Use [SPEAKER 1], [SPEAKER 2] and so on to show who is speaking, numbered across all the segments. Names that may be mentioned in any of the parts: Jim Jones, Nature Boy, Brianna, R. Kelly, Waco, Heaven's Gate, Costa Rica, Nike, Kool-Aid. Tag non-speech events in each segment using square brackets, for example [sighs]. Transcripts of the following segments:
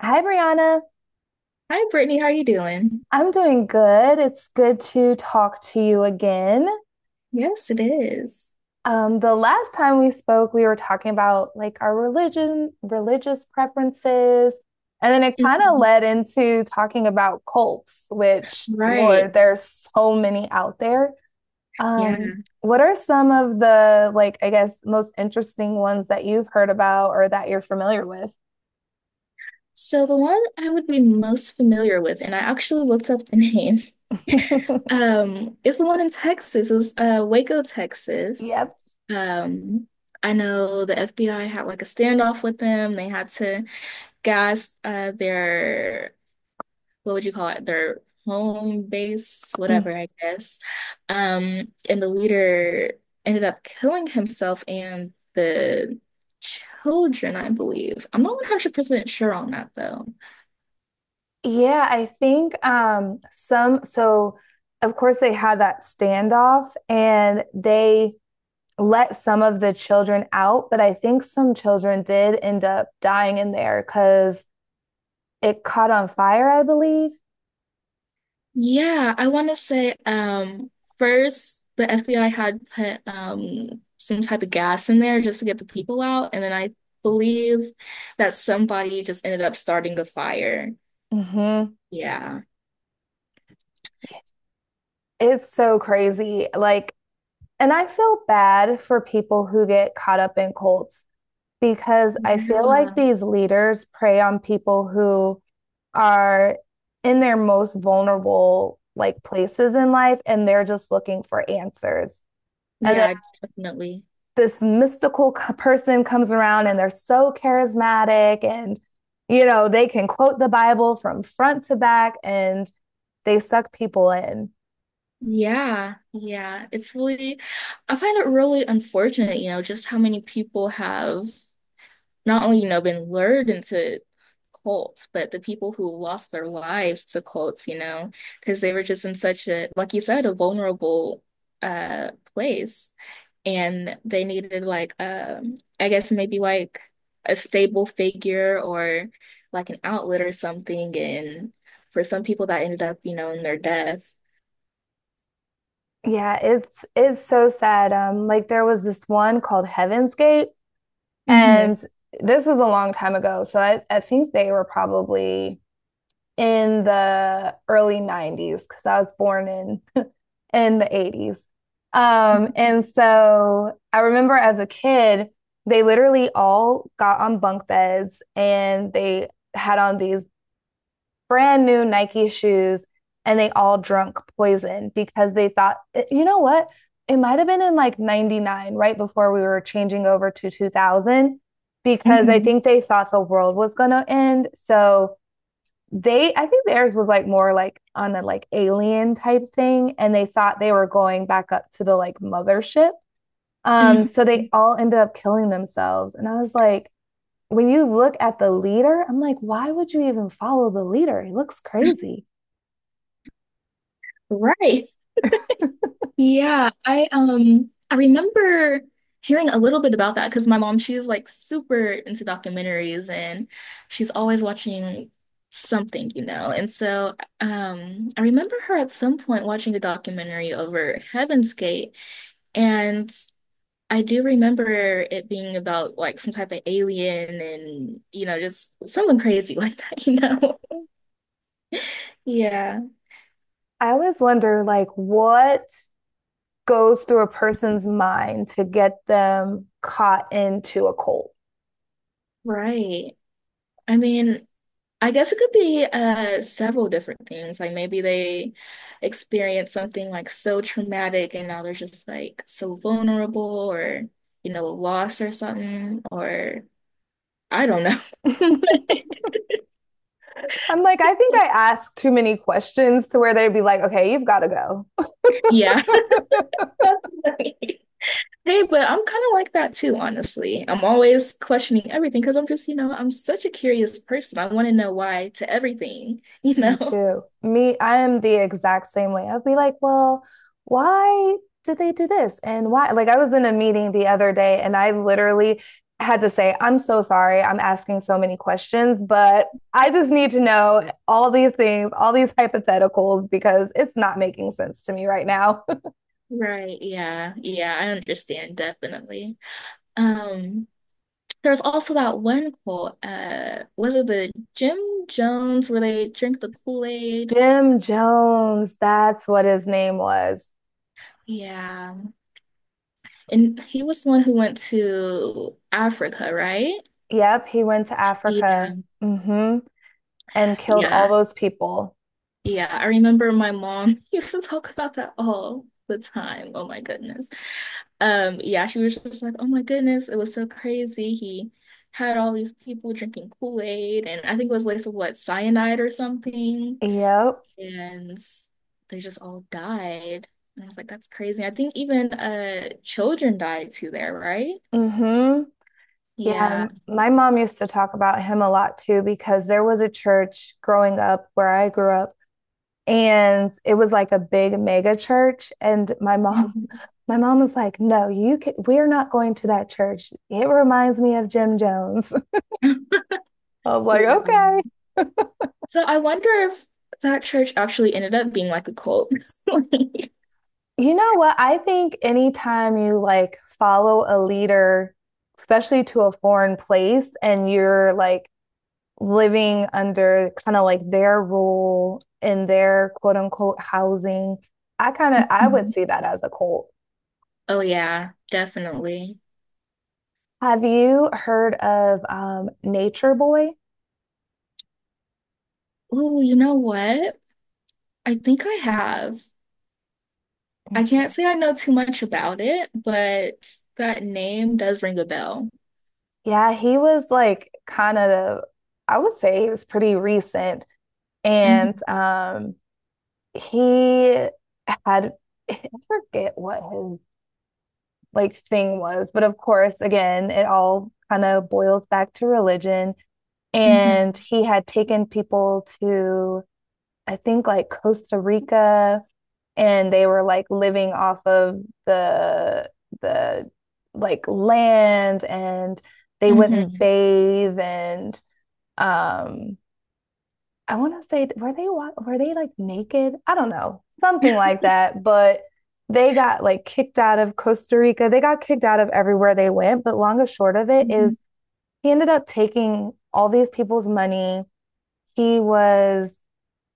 [SPEAKER 1] Hi, Brianna.
[SPEAKER 2] Hi, Brittany. How are you doing?
[SPEAKER 1] I'm doing good. It's good to talk to you again.
[SPEAKER 2] Yes, it is.
[SPEAKER 1] The last time we spoke, we were talking about like our religion, religious preferences, and then it kind of
[SPEAKER 2] Mhm.
[SPEAKER 1] led into talking about cults, which,
[SPEAKER 2] Right.
[SPEAKER 1] Lord, there's so many out there. Um,
[SPEAKER 2] Yeah.
[SPEAKER 1] what are some of the like, I guess, most interesting ones that you've heard about or that you're familiar with?
[SPEAKER 2] So the one I would be most familiar with, and I actually looked up the name, [laughs] is the one in Texas. It was Waco,
[SPEAKER 1] [laughs]
[SPEAKER 2] Texas.
[SPEAKER 1] Yep.
[SPEAKER 2] Um, I know the FBI had like a standoff with them. They had to gas their what would you call it? Their home base, whatever, I guess. And the leader ended up killing himself and the children, I believe. I'm not 100% sure on that though.
[SPEAKER 1] Yeah, I think some so of course they had that standoff and they let some of the children out, but I think some children did end up dying in there because it caught on fire, I believe.
[SPEAKER 2] Yeah, I want to say first the FBI had put some type of gas in there just to get the people out, and then I believe that somebody just ended up starting the fire.
[SPEAKER 1] Hmm.
[SPEAKER 2] Yeah.
[SPEAKER 1] It's so crazy. Like, and I feel bad for people who get caught up in cults because I feel like
[SPEAKER 2] Yeah.
[SPEAKER 1] these leaders prey on people who are in their most vulnerable like places in life and they're just looking for answers. And then
[SPEAKER 2] Yeah, definitely.
[SPEAKER 1] this mystical person comes around and they're so charismatic and you know, they can quote the Bible from front to back and they suck people in.
[SPEAKER 2] Yeah. It's I find it really unfortunate, you know, just how many people have not only, you know, been lured into cults, but the people who lost their lives to cults, you know, because they were just in such a, like you said, a vulnerable place. And they needed like I guess maybe like a stable figure or like an outlet or something. And for some people that ended up, you know, in their death.
[SPEAKER 1] Yeah, it's so sad. Like there was this one called Heaven's Gate
[SPEAKER 2] Hmm.
[SPEAKER 1] and this was a long time ago. So I think they were probably in the early 90s because I was born in [laughs] in the 80s. And so I remember as a kid, they literally all got on bunk beds and they had on these brand new Nike shoes and they all drunk poison because they thought, "Eh, you know what? It might have been in like 99, right before we were changing over to 2000, because I
[SPEAKER 2] Hmm.
[SPEAKER 1] think they thought the world was going to end. So they I think theirs was like more like on a like alien type thing, and they thought they were going back up to the like mothership.
[SPEAKER 2] Hmm.
[SPEAKER 1] So they all ended up killing themselves. And I was like, when you look at the leader, I'm like, why would you even follow the leader? He looks crazy.
[SPEAKER 2] Right. Yeah, I remember hearing a little bit about that because my mom, she's like super into documentaries and she's always watching something, you know. And so I remember her at some point watching a documentary over Heaven's Gate and I do remember it being about like some type of alien and you know just someone crazy [laughs] like that, you know. Yeah,
[SPEAKER 1] I always wonder like what goes through a person's mind to get them caught into a cult? [laughs]
[SPEAKER 2] right. I mean, I guess it could be several different things. Like maybe they experience something like so traumatic and now they're just like so vulnerable or you know, a loss or something or I don't know. [laughs]
[SPEAKER 1] I'm like, I think I ask too many questions to where they'd be like, okay, you've got to go.
[SPEAKER 2] Yeah.
[SPEAKER 1] [laughs]
[SPEAKER 2] Definitely. Hey, but I'm kind of like that too, honestly. I'm always questioning everything because I'm just, you know, I'm such a curious person. I want to know why to everything, you
[SPEAKER 1] Me
[SPEAKER 2] know? [laughs]
[SPEAKER 1] too. Me, I am the exact same way. I'll be like, well, why did they do this? And why? Like, I was in a meeting the other day and I literally had to say, I'm so sorry. I'm asking so many questions, but I just need to know all these things, all these hypotheticals, because it's not making sense to me right now. [laughs]
[SPEAKER 2] Right, yeah, I understand definitely. Um, There's also that one quote, was it the Jim Jones where they drink the Kool-Aid?
[SPEAKER 1] Jim Jones, that's what his name was.
[SPEAKER 2] Yeah. And he was the one who went to Africa, right?
[SPEAKER 1] Yep, he went to
[SPEAKER 2] Yeah.
[SPEAKER 1] Africa. Mm hmm And killed all
[SPEAKER 2] Yeah.
[SPEAKER 1] those people.
[SPEAKER 2] Yeah. I remember my mom [laughs] used to talk about that all the time. Oh my goodness. Yeah, she was just like, oh my goodness, it was so crazy. He had all these people drinking Kool-Aid, and I think it was like some what cyanide or something.
[SPEAKER 1] Yep.
[SPEAKER 2] And they just all died. And I was like, that's crazy. I think even children died too there, right?
[SPEAKER 1] mm hmm
[SPEAKER 2] Yeah.
[SPEAKER 1] Yeah, my mom used to talk about him a lot too because there was a church growing up where I grew up and it was like a big mega church and my mom
[SPEAKER 2] Mhm.
[SPEAKER 1] [laughs] my mom was like, "No, you can, we're not going to that church. It reminds me of Jim Jones." [laughs] I was like, "Okay."
[SPEAKER 2] Wow. So I wonder if that church actually ended up being like a cult. [laughs] Like—
[SPEAKER 1] You know what? I think anytime you like follow a leader, especially to a foreign place and you're like living under kind of like their rule in their quote unquote housing. I kind of I would
[SPEAKER 2] Mhm.
[SPEAKER 1] see that as a cult.
[SPEAKER 2] Oh yeah, definitely.
[SPEAKER 1] Have you heard of Nature Boy?
[SPEAKER 2] Oh, you know what? I think I have. I can't
[SPEAKER 1] Mm-hmm.
[SPEAKER 2] say I know too much about it, but that name does ring a bell.
[SPEAKER 1] Yeah, he was like kind of I would say he was pretty recent, and
[SPEAKER 2] Hmm.
[SPEAKER 1] he had I forget what his like thing was, but of course, again, it all kind of boils back to religion. And
[SPEAKER 2] Hmm.
[SPEAKER 1] he had taken people to, I think, like Costa Rica, and they were like living off of the the like land, and they wouldn't
[SPEAKER 2] Hmm.
[SPEAKER 1] bathe, and um, I want to say, were they like naked? I don't know, something
[SPEAKER 2] [laughs]
[SPEAKER 1] like that, but. They got like kicked out of Costa Rica. They got kicked out of everywhere they went. But long and short of it is, he ended up taking all these people's money he was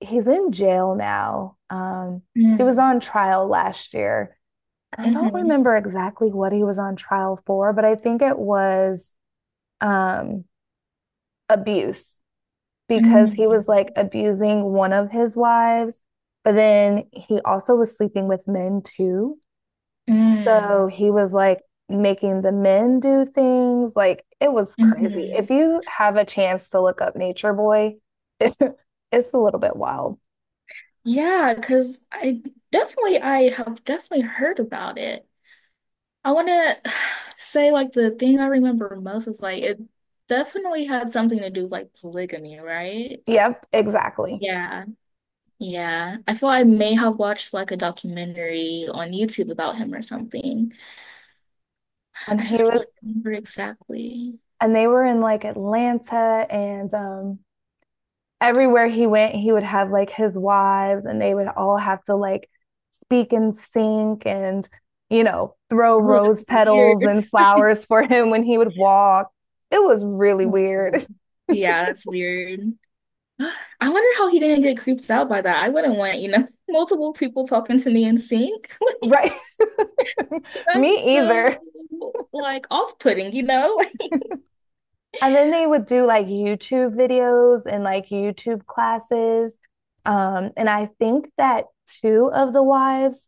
[SPEAKER 1] he's in jail now. He was
[SPEAKER 2] Hmm.
[SPEAKER 1] on trial last year, and I don't
[SPEAKER 2] Hmm.
[SPEAKER 1] remember exactly what he was on trial for, but I think it was um abuse because
[SPEAKER 2] Mm,
[SPEAKER 1] he was like abusing one of his wives, but then he also was sleeping with men too.
[SPEAKER 2] mm,
[SPEAKER 1] So he was like making the men do things. Like it was crazy.
[SPEAKER 2] mm-hmm.
[SPEAKER 1] If you have a chance to look up Nature Boy, [laughs] it's a little bit wild.
[SPEAKER 2] Yeah, because I have definitely heard about it. I want to [sighs] say like the thing I remember most is like it definitely had something to do with like polygamy, right?
[SPEAKER 1] Yep, exactly.
[SPEAKER 2] Yeah, yeah. I feel I may have watched like a documentary on YouTube about him or something.
[SPEAKER 1] And
[SPEAKER 2] I
[SPEAKER 1] he
[SPEAKER 2] just can't
[SPEAKER 1] was,
[SPEAKER 2] remember exactly.
[SPEAKER 1] and they were in like Atlanta and everywhere he went, he would have like his wives and they would all have to like speak in sync and, you know, throw
[SPEAKER 2] Oh, that's
[SPEAKER 1] rose petals
[SPEAKER 2] weird.
[SPEAKER 1] and
[SPEAKER 2] [laughs]
[SPEAKER 1] flowers for him when he would walk. It was really
[SPEAKER 2] Oh.
[SPEAKER 1] weird. [laughs]
[SPEAKER 2] Yeah, that's weird. [gasps] I wonder how he didn't get creeped out by that. I wouldn't want, you know, [laughs] multiple people talking to me in sync. [laughs]
[SPEAKER 1] Right.
[SPEAKER 2] Like,
[SPEAKER 1] [laughs]
[SPEAKER 2] that's
[SPEAKER 1] Me
[SPEAKER 2] so
[SPEAKER 1] either.
[SPEAKER 2] like off-putting, you know?
[SPEAKER 1] And then they would do like YouTube videos and like YouTube classes. And I think that two of the wives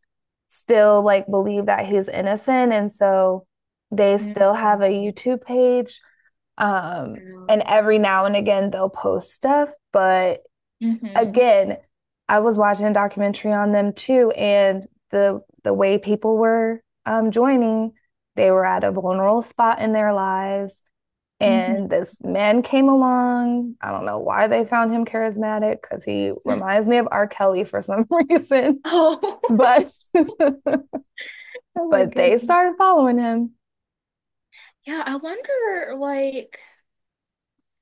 [SPEAKER 1] still like believe that he's innocent. And so they
[SPEAKER 2] [laughs] Mhm.
[SPEAKER 1] still have a YouTube page. Um, and
[SPEAKER 2] Girl.
[SPEAKER 1] every now and again they'll post stuff. But
[SPEAKER 2] Hmm.
[SPEAKER 1] again, I was watching a documentary on them too, and the way people were joining, they were at a vulnerable spot in their lives
[SPEAKER 2] Hmm.
[SPEAKER 1] and this man came along. I don't know why they found him charismatic because he reminds me of R. Kelly for some reason.
[SPEAKER 2] Oh, [laughs]
[SPEAKER 1] But [laughs]
[SPEAKER 2] oh my
[SPEAKER 1] but they
[SPEAKER 2] goodness.
[SPEAKER 1] started following him.
[SPEAKER 2] Yeah, I wonder, like,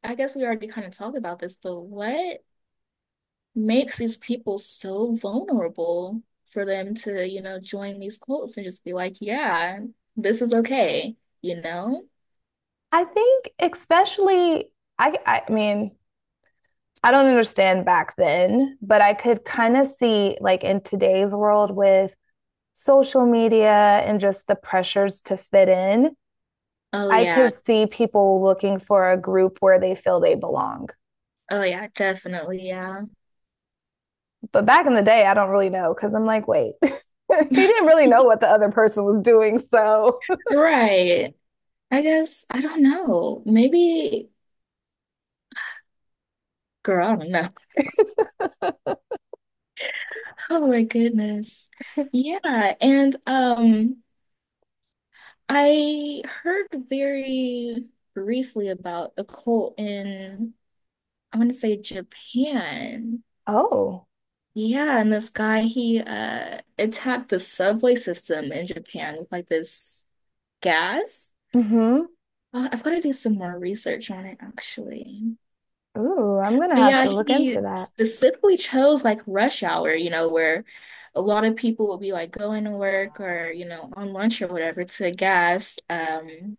[SPEAKER 2] I guess we already kind of talked about this, but what makes these people so vulnerable for them to, you know, join these cults and just be like, yeah, this is okay, you know?
[SPEAKER 1] I think especially I mean, I don't understand back then, but I could kind of see like in today's world with social media and just the pressures to fit in,
[SPEAKER 2] Oh,
[SPEAKER 1] I
[SPEAKER 2] yeah.
[SPEAKER 1] could see people looking for a group where they feel they belong.
[SPEAKER 2] Oh yeah, definitely, yeah.
[SPEAKER 1] But back in the day, I don't really know because I'm like, wait, [laughs] he didn't
[SPEAKER 2] [laughs]
[SPEAKER 1] really know what the other person was doing. So, [laughs]
[SPEAKER 2] Right. I guess I don't know. Maybe girl, I don't know. [laughs] Oh my goodness. Yeah, and I heard very briefly about a cult in I want to say Japan.
[SPEAKER 1] oh,
[SPEAKER 2] Yeah, and this guy he attacked the subway system in Japan with like this gas.
[SPEAKER 1] hmm.
[SPEAKER 2] I've got to do some more research on it actually.
[SPEAKER 1] Ooh, I'm gonna
[SPEAKER 2] But
[SPEAKER 1] have
[SPEAKER 2] yeah,
[SPEAKER 1] to look into
[SPEAKER 2] he
[SPEAKER 1] that.
[SPEAKER 2] specifically chose like rush hour, you know, where a lot of people will be like going to work or, you know, on lunch or whatever to gas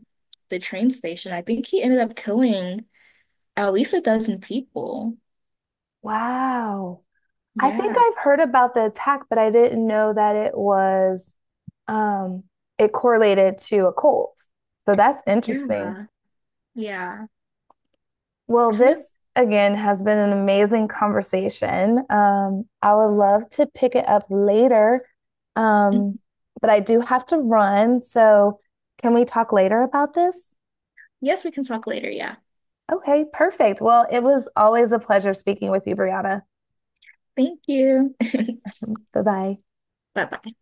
[SPEAKER 2] the train station. I think he ended up killing at least a dozen people.
[SPEAKER 1] Wow. I think
[SPEAKER 2] Yeah.
[SPEAKER 1] I've heard about the attack, but I didn't know that it was um it correlated to a cult. So that's interesting.
[SPEAKER 2] Yeah. Yeah.
[SPEAKER 1] Well,
[SPEAKER 2] I forget.
[SPEAKER 1] this again has been an amazing conversation. I would love to pick it up later,
[SPEAKER 2] Mhm.
[SPEAKER 1] um, but I do have to run. So, can we talk later about this?
[SPEAKER 2] Yes, we can talk later. Yeah.
[SPEAKER 1] Okay, perfect. Well, it was always a pleasure speaking with you, Brianna.
[SPEAKER 2] Thank you. [laughs]
[SPEAKER 1] Bye bye.
[SPEAKER 2] Bye bye.